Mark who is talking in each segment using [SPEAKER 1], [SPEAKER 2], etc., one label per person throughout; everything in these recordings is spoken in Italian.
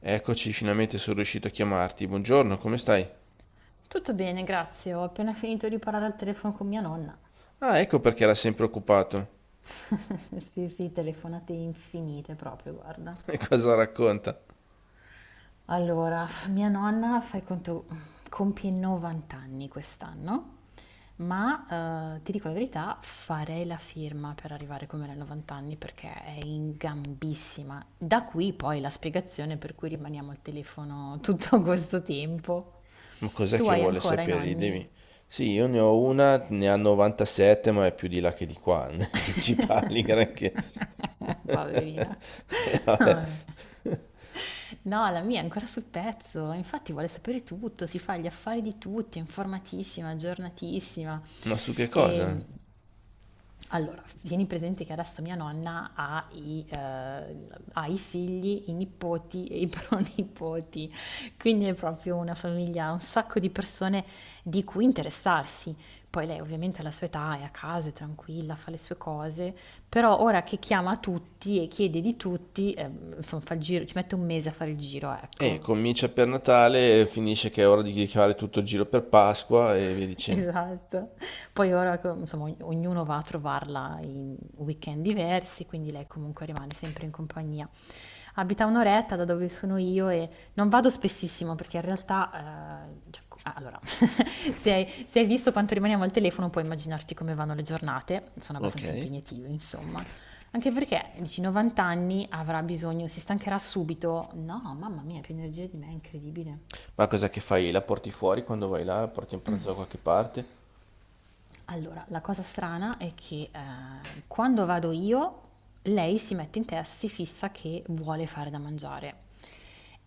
[SPEAKER 1] Eccoci, finalmente sono riuscito a chiamarti. Buongiorno, come stai?
[SPEAKER 2] Tutto bene, grazie. Ho appena finito di parlare al telefono con mia nonna.
[SPEAKER 1] Ah, ecco perché era sempre occupato.
[SPEAKER 2] Sì, sì, telefonate infinite proprio, guarda.
[SPEAKER 1] E cosa racconta?
[SPEAKER 2] Allora, mia nonna, fai conto, compie 90 anni quest'anno, ma ti dico la verità, farei la firma per arrivare come lei a 90 anni perché è in gambissima. Da qui poi la spiegazione per cui rimaniamo al telefono tutto questo tempo.
[SPEAKER 1] Ma cos'è
[SPEAKER 2] Tu
[SPEAKER 1] che
[SPEAKER 2] hai
[SPEAKER 1] vuole
[SPEAKER 2] ancora i
[SPEAKER 1] sapere? Gli
[SPEAKER 2] nonni?
[SPEAKER 1] devi... Sì, io ne ho una, ne ha 97, ma è più di là che di qua. Non è che ci parli granché.
[SPEAKER 2] Poverina.
[SPEAKER 1] E vabbè.
[SPEAKER 2] Vabbè. No, la mia è ancora sul pezzo, infatti vuole sapere tutto, si fa gli affari di tutti, è informatissima, aggiornatissima.
[SPEAKER 1] Ma su che cosa?
[SPEAKER 2] E, allora, tieni presente che adesso mia nonna ha i figli, i nipoti e i pronipoti, quindi è proprio una famiglia, un sacco di persone di cui interessarsi. Poi lei ovviamente alla sua età è a casa, è tranquilla, fa le sue cose, però ora che chiama tutti e chiede di tutti, fa il giro, ci mette un mese a fare il giro, ecco.
[SPEAKER 1] Comincia per Natale, finisce che è ora di fare tutto il giro per Pasqua e via dicendo.
[SPEAKER 2] Esatto. Poi ora, insomma, ognuno va a trovarla in weekend diversi, quindi lei comunque rimane sempre in compagnia. Abita un'oretta da dove sono io e non vado spessissimo perché in realtà, cioè, allora, se hai visto quanto rimaniamo al telefono puoi immaginarti come vanno le giornate, sono
[SPEAKER 1] Ok.
[SPEAKER 2] abbastanza impegnative, insomma. Anche perché, dici, 90 anni avrà bisogno, si stancherà subito. No, mamma mia, più energia di me, è incredibile.
[SPEAKER 1] Ma cos'è che fai? La porti fuori quando vai là? La porti in pranzo da qualche parte?
[SPEAKER 2] Allora, la cosa strana è che quando vado io, lei si mette in testa, si fissa che vuole fare da mangiare.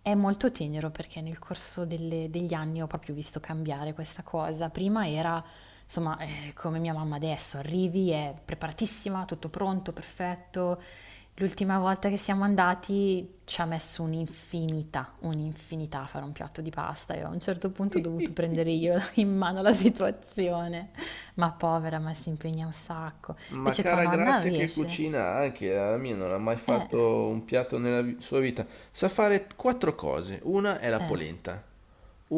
[SPEAKER 2] È molto tenero perché nel corso degli anni ho proprio visto cambiare questa cosa. Prima era, insomma, come mia mamma adesso, arrivi, è preparatissima, tutto pronto, perfetto. L'ultima volta che siamo andati ci ha messo un'infinità, un'infinità a fare un piatto di pasta e a un certo punto ho dovuto prendere io in mano la situazione. Ma povera, ma si impegna un sacco.
[SPEAKER 1] Ma
[SPEAKER 2] Invece tua
[SPEAKER 1] cara
[SPEAKER 2] nonna
[SPEAKER 1] Grazia che
[SPEAKER 2] riesce?
[SPEAKER 1] cucina anche, la mia non ha mai
[SPEAKER 2] Eh,
[SPEAKER 1] fatto un piatto nella sua vita. Sa fare quattro cose. Una è la
[SPEAKER 2] eh.
[SPEAKER 1] polenta,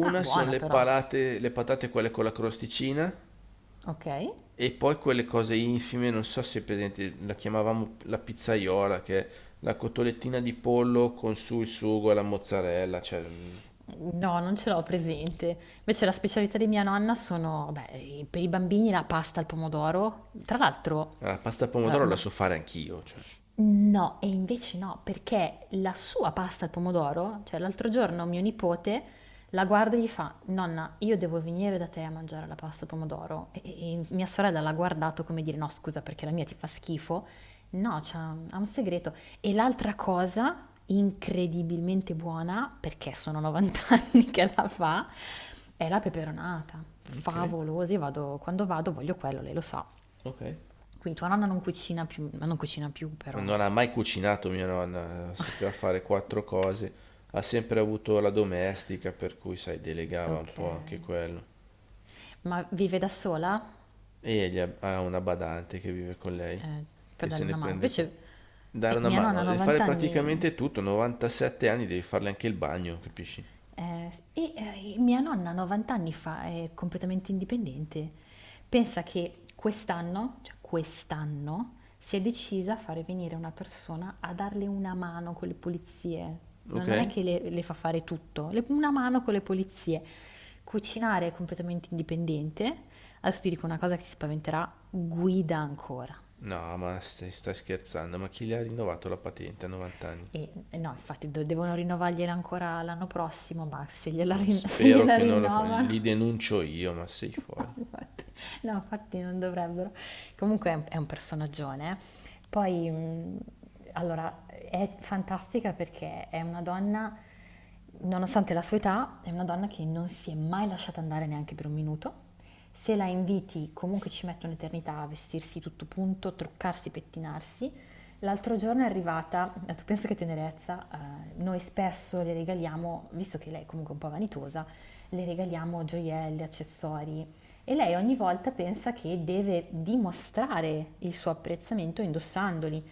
[SPEAKER 2] Ah,
[SPEAKER 1] sono
[SPEAKER 2] buona
[SPEAKER 1] le
[SPEAKER 2] però.
[SPEAKER 1] palate, le patate quelle con la crosticina
[SPEAKER 2] Ok.
[SPEAKER 1] e poi quelle cose infime, non so se è presente, la chiamavamo la pizzaiola, che è la cotolettina di pollo con su il sugo e la mozzarella,
[SPEAKER 2] No, non ce l'ho presente. Invece la specialità di mia nonna sono, beh, per i bambini la pasta al pomodoro. Tra l'altro,
[SPEAKER 1] la pasta al
[SPEAKER 2] allora,
[SPEAKER 1] pomodoro la
[SPEAKER 2] no,
[SPEAKER 1] so fare anch'io, cioè.
[SPEAKER 2] No, e invece no, perché la sua pasta al pomodoro, cioè l'altro giorno mio nipote la guarda e gli fa: Nonna, io devo venire da te a mangiare la pasta al pomodoro. E mia sorella l'ha guardato come dire: No, scusa, perché la mia ti fa schifo. No, ha un segreto. E l'altra cosa incredibilmente buona, perché sono 90 anni che la fa, è la peperonata.
[SPEAKER 1] Ok,
[SPEAKER 2] Favolosa, io vado, quando vado voglio quello, lei lo sa.
[SPEAKER 1] ok.
[SPEAKER 2] Quindi tua nonna non cucina più, ma non cucina più, però.
[SPEAKER 1] Non ha mai cucinato mia nonna, sapeva fare quattro cose, ha sempre avuto la domestica, per cui, sai, delegava un po' anche
[SPEAKER 2] Okay.
[SPEAKER 1] quello.
[SPEAKER 2] Ma vive da sola?
[SPEAKER 1] E egli ha una badante che vive con lei,
[SPEAKER 2] Ehm, per
[SPEAKER 1] che se
[SPEAKER 2] darle
[SPEAKER 1] ne
[SPEAKER 2] una mano.
[SPEAKER 1] prende cura.
[SPEAKER 2] Invece,
[SPEAKER 1] Dare una
[SPEAKER 2] mia nonna
[SPEAKER 1] mano,
[SPEAKER 2] ha
[SPEAKER 1] e fare
[SPEAKER 2] 90 anni,
[SPEAKER 1] praticamente tutto, 97 anni devi farle anche il bagno, capisci?
[SPEAKER 2] mia nonna 90 anni fa è completamente indipendente. Pensa che quest'anno, cioè quest'anno, si è decisa a fare venire una persona a darle una mano con le pulizie. No, non è
[SPEAKER 1] Ok?
[SPEAKER 2] che le fa fare tutto, le una mano con le pulizie. Cucinare è completamente indipendente. Adesso ti dico una cosa che ti spaventerà: guida ancora.
[SPEAKER 1] No, ma stai scherzando, ma chi le ha rinnovato la patente a 90 anni?
[SPEAKER 2] E no, infatti do devono rinnovargliela ancora l'anno prossimo, ma se gliela
[SPEAKER 1] Ma
[SPEAKER 2] rin se
[SPEAKER 1] spero
[SPEAKER 2] gliela
[SPEAKER 1] che non lo fa,
[SPEAKER 2] rinnovano.
[SPEAKER 1] li denuncio io, ma sei
[SPEAKER 2] No,
[SPEAKER 1] fuori.
[SPEAKER 2] No, infatti non dovrebbero. Comunque è un personaggione. Poi, allora, è fantastica perché è una donna, nonostante la sua età, è una donna che non si è mai lasciata andare neanche per un minuto. Se la inviti, comunque ci mette un'eternità a vestirsi tutto punto, truccarsi, pettinarsi. L'altro giorno è arrivata, tu pensa che tenerezza, noi spesso le regaliamo, visto che lei è comunque un po' vanitosa, le regaliamo gioielli, accessori, e lei ogni volta pensa che deve dimostrare il suo apprezzamento indossandoli.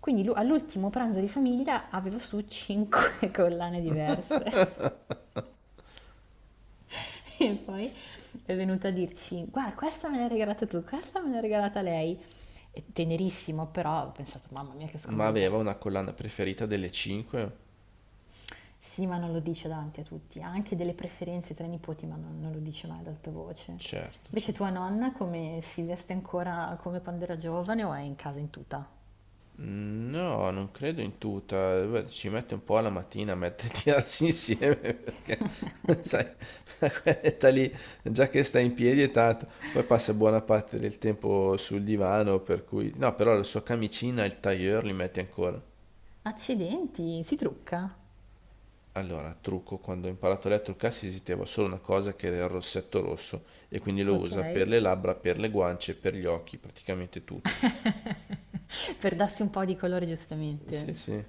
[SPEAKER 2] Quindi all'ultimo pranzo di famiglia aveva su cinque collane diverse e poi è venuta a dirci guarda questa me l'hai regalata tu, questa me l'ha regalata lei. È tenerissimo però ho pensato mamma mia che
[SPEAKER 1] Ma
[SPEAKER 2] scomodità.
[SPEAKER 1] aveva una collana preferita delle 5?
[SPEAKER 2] Sì, ma non lo dice davanti a tutti, ha anche delle preferenze tra i nipoti ma non lo dice mai ad alta voce.
[SPEAKER 1] Certo,
[SPEAKER 2] Invece
[SPEAKER 1] certo.
[SPEAKER 2] tua nonna come si veste ancora come quando era giovane o è in casa in tuta?
[SPEAKER 1] No, non credo in tuta. Beh, ci mette un po' alla mattina a metterti a tirarsi insieme perché, sai, quell'età lì, già che stai in piedi è tanto. Poi passa buona parte del tempo sul divano, per cui... No, però la sua camicina e il tailleur li metti ancora.
[SPEAKER 2] Accidenti, si trucca,
[SPEAKER 1] Allora, trucco, quando ho imparato a lei a truccarsi esisteva solo una cosa che era il rossetto rosso e quindi lo
[SPEAKER 2] ok.
[SPEAKER 1] usa per le labbra, per le guance, per gli occhi, praticamente tutto.
[SPEAKER 2] Per darsi un po' di colore, giustamente.
[SPEAKER 1] Sì, sì.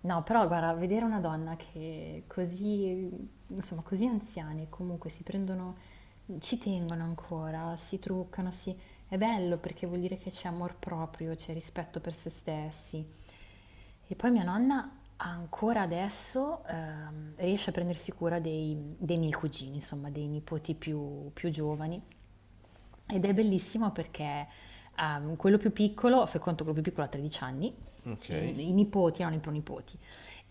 [SPEAKER 2] No, però guarda, vedere una donna che così, insomma, così anziane comunque si prendono, ci tengono ancora, si truccano, è bello perché vuol dire che c'è amor proprio, c'è rispetto per se stessi. E poi mia nonna ancora adesso riesce a prendersi cura dei miei cugini, insomma, dei nipoti più giovani. Ed è bellissimo perché quello più piccolo, fai conto quello più piccolo ha 13 anni, i,
[SPEAKER 1] Ok.
[SPEAKER 2] i nipoti erano i pronipoti,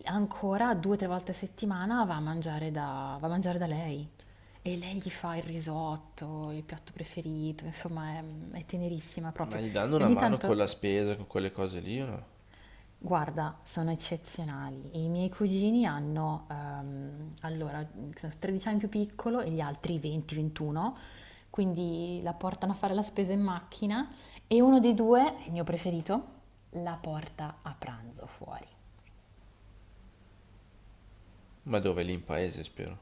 [SPEAKER 2] ancora due o tre volte a settimana va a mangiare da lei. E lei gli fa il risotto, il piatto preferito, insomma è tenerissima
[SPEAKER 1] Ma
[SPEAKER 2] proprio.
[SPEAKER 1] gli danno
[SPEAKER 2] E
[SPEAKER 1] una
[SPEAKER 2] ogni
[SPEAKER 1] mano con la
[SPEAKER 2] tanto.
[SPEAKER 1] spesa, con quelle cose lì o no?
[SPEAKER 2] Guarda, sono eccezionali. I miei cugini hanno, allora, credo 13 anni più piccolo e gli altri 20-21, quindi la portano a fare la spesa in macchina e uno dei due, il mio preferito, la porta a pranzo fuori.
[SPEAKER 1] Ma dove? Lì in paese, spero.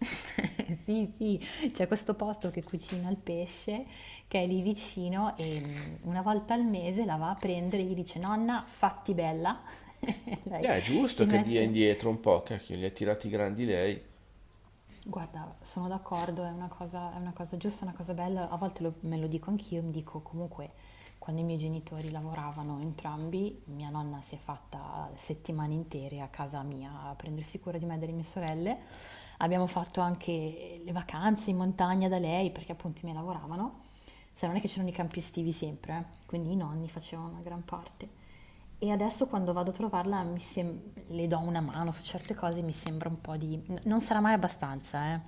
[SPEAKER 2] Sì, sì, c'è questo posto che cucina il pesce che è lì vicino e una volta al mese la va a prendere e gli dice: Nonna, fatti bella. Lei
[SPEAKER 1] È
[SPEAKER 2] si
[SPEAKER 1] giusto che dia
[SPEAKER 2] mette.
[SPEAKER 1] indietro un po', cacchio, li ha tirati grandi lei.
[SPEAKER 2] Guarda, sono d'accordo, è una cosa giusta, è una cosa bella. A volte me lo dico anch'io, mi dico comunque quando i miei genitori lavoravano entrambi, mia nonna si è fatta settimane intere a casa mia a prendersi cura di me e delle mie sorelle. Abbiamo fatto anche le vacanze in montagna da lei perché appunto i miei lavoravano. Se non è che c'erano i campi estivi sempre, quindi i nonni facevano una gran parte. E adesso quando vado a trovarla le do una mano su certe cose, mi sembra un po' di. Non sarà mai abbastanza, eh.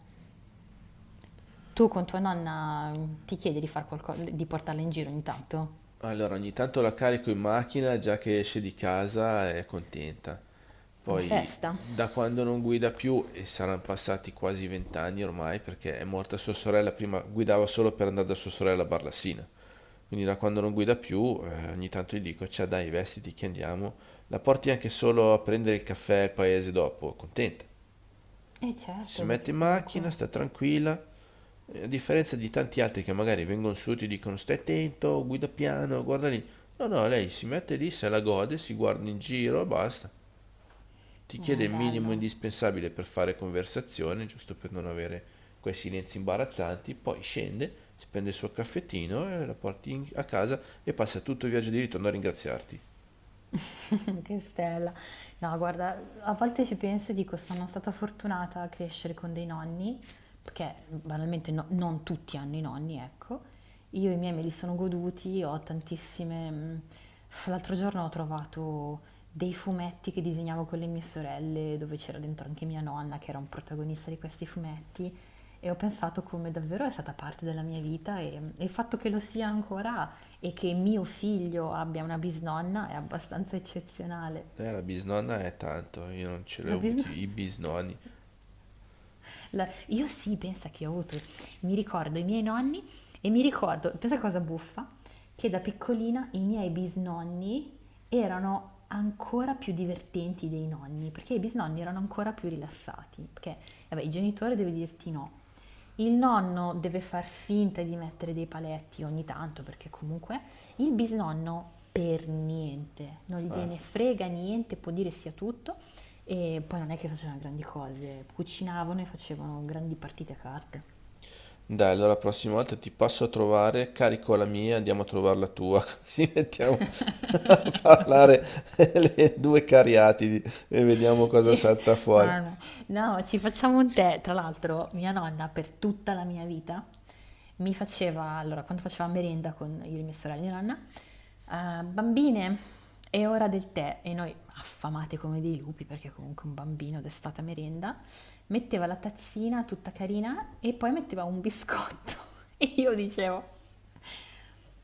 [SPEAKER 2] Tu con tua nonna, ti chiedi di di portarla in giro ogni tanto?
[SPEAKER 1] Allora, ogni tanto la carico in macchina già che esce di casa è contenta.
[SPEAKER 2] Una
[SPEAKER 1] Poi,
[SPEAKER 2] festa?
[SPEAKER 1] da quando non guida più, e saranno passati quasi vent'anni ormai, perché è morta sua sorella, prima guidava solo per andare da sua sorella a Barlassina. Quindi da quando non guida più, ogni tanto gli dico, ciao dai, vestiti che andiamo. La porti anche solo a prendere il caffè al paese dopo, contenta.
[SPEAKER 2] Eh
[SPEAKER 1] Si
[SPEAKER 2] certo,
[SPEAKER 1] mette
[SPEAKER 2] perché
[SPEAKER 1] in
[SPEAKER 2] comunque
[SPEAKER 1] macchina, sta tranquilla, a differenza di tanti altri che magari vengono su e ti dicono stai attento, guida piano, guarda lì. No, no, lei si mette lì, se la gode, si guarda in giro e basta. Ti chiede
[SPEAKER 2] è
[SPEAKER 1] il minimo
[SPEAKER 2] bello.
[SPEAKER 1] indispensabile per fare conversazione, giusto per non avere quei silenzi imbarazzanti, poi scende, si prende il suo caffettino e la porti a casa e passa tutto il viaggio di ritorno a ringraziarti.
[SPEAKER 2] Che stella. No, guarda, a volte ci penso e dico sono stata fortunata a crescere con dei nonni, perché banalmente non tutti hanno i nonni, ecco. Io i miei me li sono goduti, ho tantissime. L'altro giorno ho trovato dei fumetti che disegnavo con le mie sorelle, dove c'era dentro anche mia nonna, che era un protagonista di questi fumetti, e ho pensato come davvero è stata parte della mia vita e il fatto che lo sia ancora e che mio figlio abbia una bisnonna è abbastanza eccezionale.
[SPEAKER 1] La bisnonna è tanto, io non ce l'ho
[SPEAKER 2] La bisnonna.
[SPEAKER 1] avuti i bisnonni.
[SPEAKER 2] Io sì, pensa che ho avuto, mi ricordo i miei nonni e mi ricordo, pensa cosa buffa, che da piccolina i miei bisnonni erano ancora più divertenti dei nonni, perché i bisnonni erano ancora più rilassati, perché vabbè, il genitore deve dirti no. Il nonno deve far finta di mettere dei paletti ogni tanto, perché comunque il bisnonno per niente, non
[SPEAKER 1] Ah,
[SPEAKER 2] gliene frega niente, può dire sia tutto. E poi non è che facevano grandi cose, cucinavano e facevano grandi partite a carte.
[SPEAKER 1] dai, allora la prossima volta ti passo a trovare, carico la mia, andiamo a trovare la tua, così mettiamo a parlare le due cariatidi e vediamo cosa
[SPEAKER 2] Ci-
[SPEAKER 1] salta fuori.
[SPEAKER 2] ah, no. No, ci facciamo un tè. Tra l'altro, mia nonna per tutta la mia vita mi faceva, allora, quando faceva merenda con io e mia sorella e mia nonna, "Ah, bambine, è ora del tè." E noi, affamate come dei lupi, perché comunque un bambino d'estate a merenda, metteva la tazzina tutta carina e poi metteva un biscotto. E io dicevo: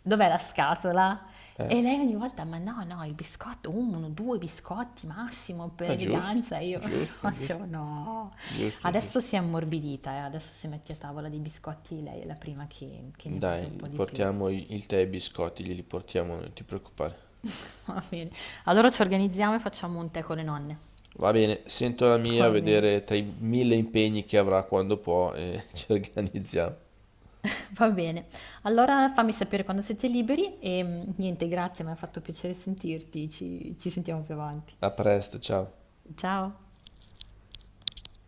[SPEAKER 2] Dov'è la scatola? E
[SPEAKER 1] Eh,
[SPEAKER 2] lei ogni volta, ma no, no, il biscotto, uno, due biscotti massimo per
[SPEAKER 1] ah, giusto,
[SPEAKER 2] eleganza. E io
[SPEAKER 1] giusto, giusto,
[SPEAKER 2] facevo no.
[SPEAKER 1] giusto,
[SPEAKER 2] Adesso
[SPEAKER 1] giusto.
[SPEAKER 2] si è ammorbidita, adesso si mette a tavola dei biscotti, lei è la prima che ne mangia
[SPEAKER 1] Dai,
[SPEAKER 2] un po'
[SPEAKER 1] gli
[SPEAKER 2] di più.
[SPEAKER 1] portiamo il tè e i biscotti, glieli portiamo, noi, non ti preoccupare.
[SPEAKER 2] Va bene. Allora ci organizziamo e facciamo un tè con le nonne.
[SPEAKER 1] Va bene, sento la mia, a
[SPEAKER 2] Va bene.
[SPEAKER 1] vedere tra i mille impegni che avrà quando può e ci organizziamo.
[SPEAKER 2] Va bene. Allora fammi sapere quando siete liberi e niente, grazie, mi ha fatto piacere sentirti. Ci sentiamo più avanti.
[SPEAKER 1] A presto, ciao.
[SPEAKER 2] Ciao.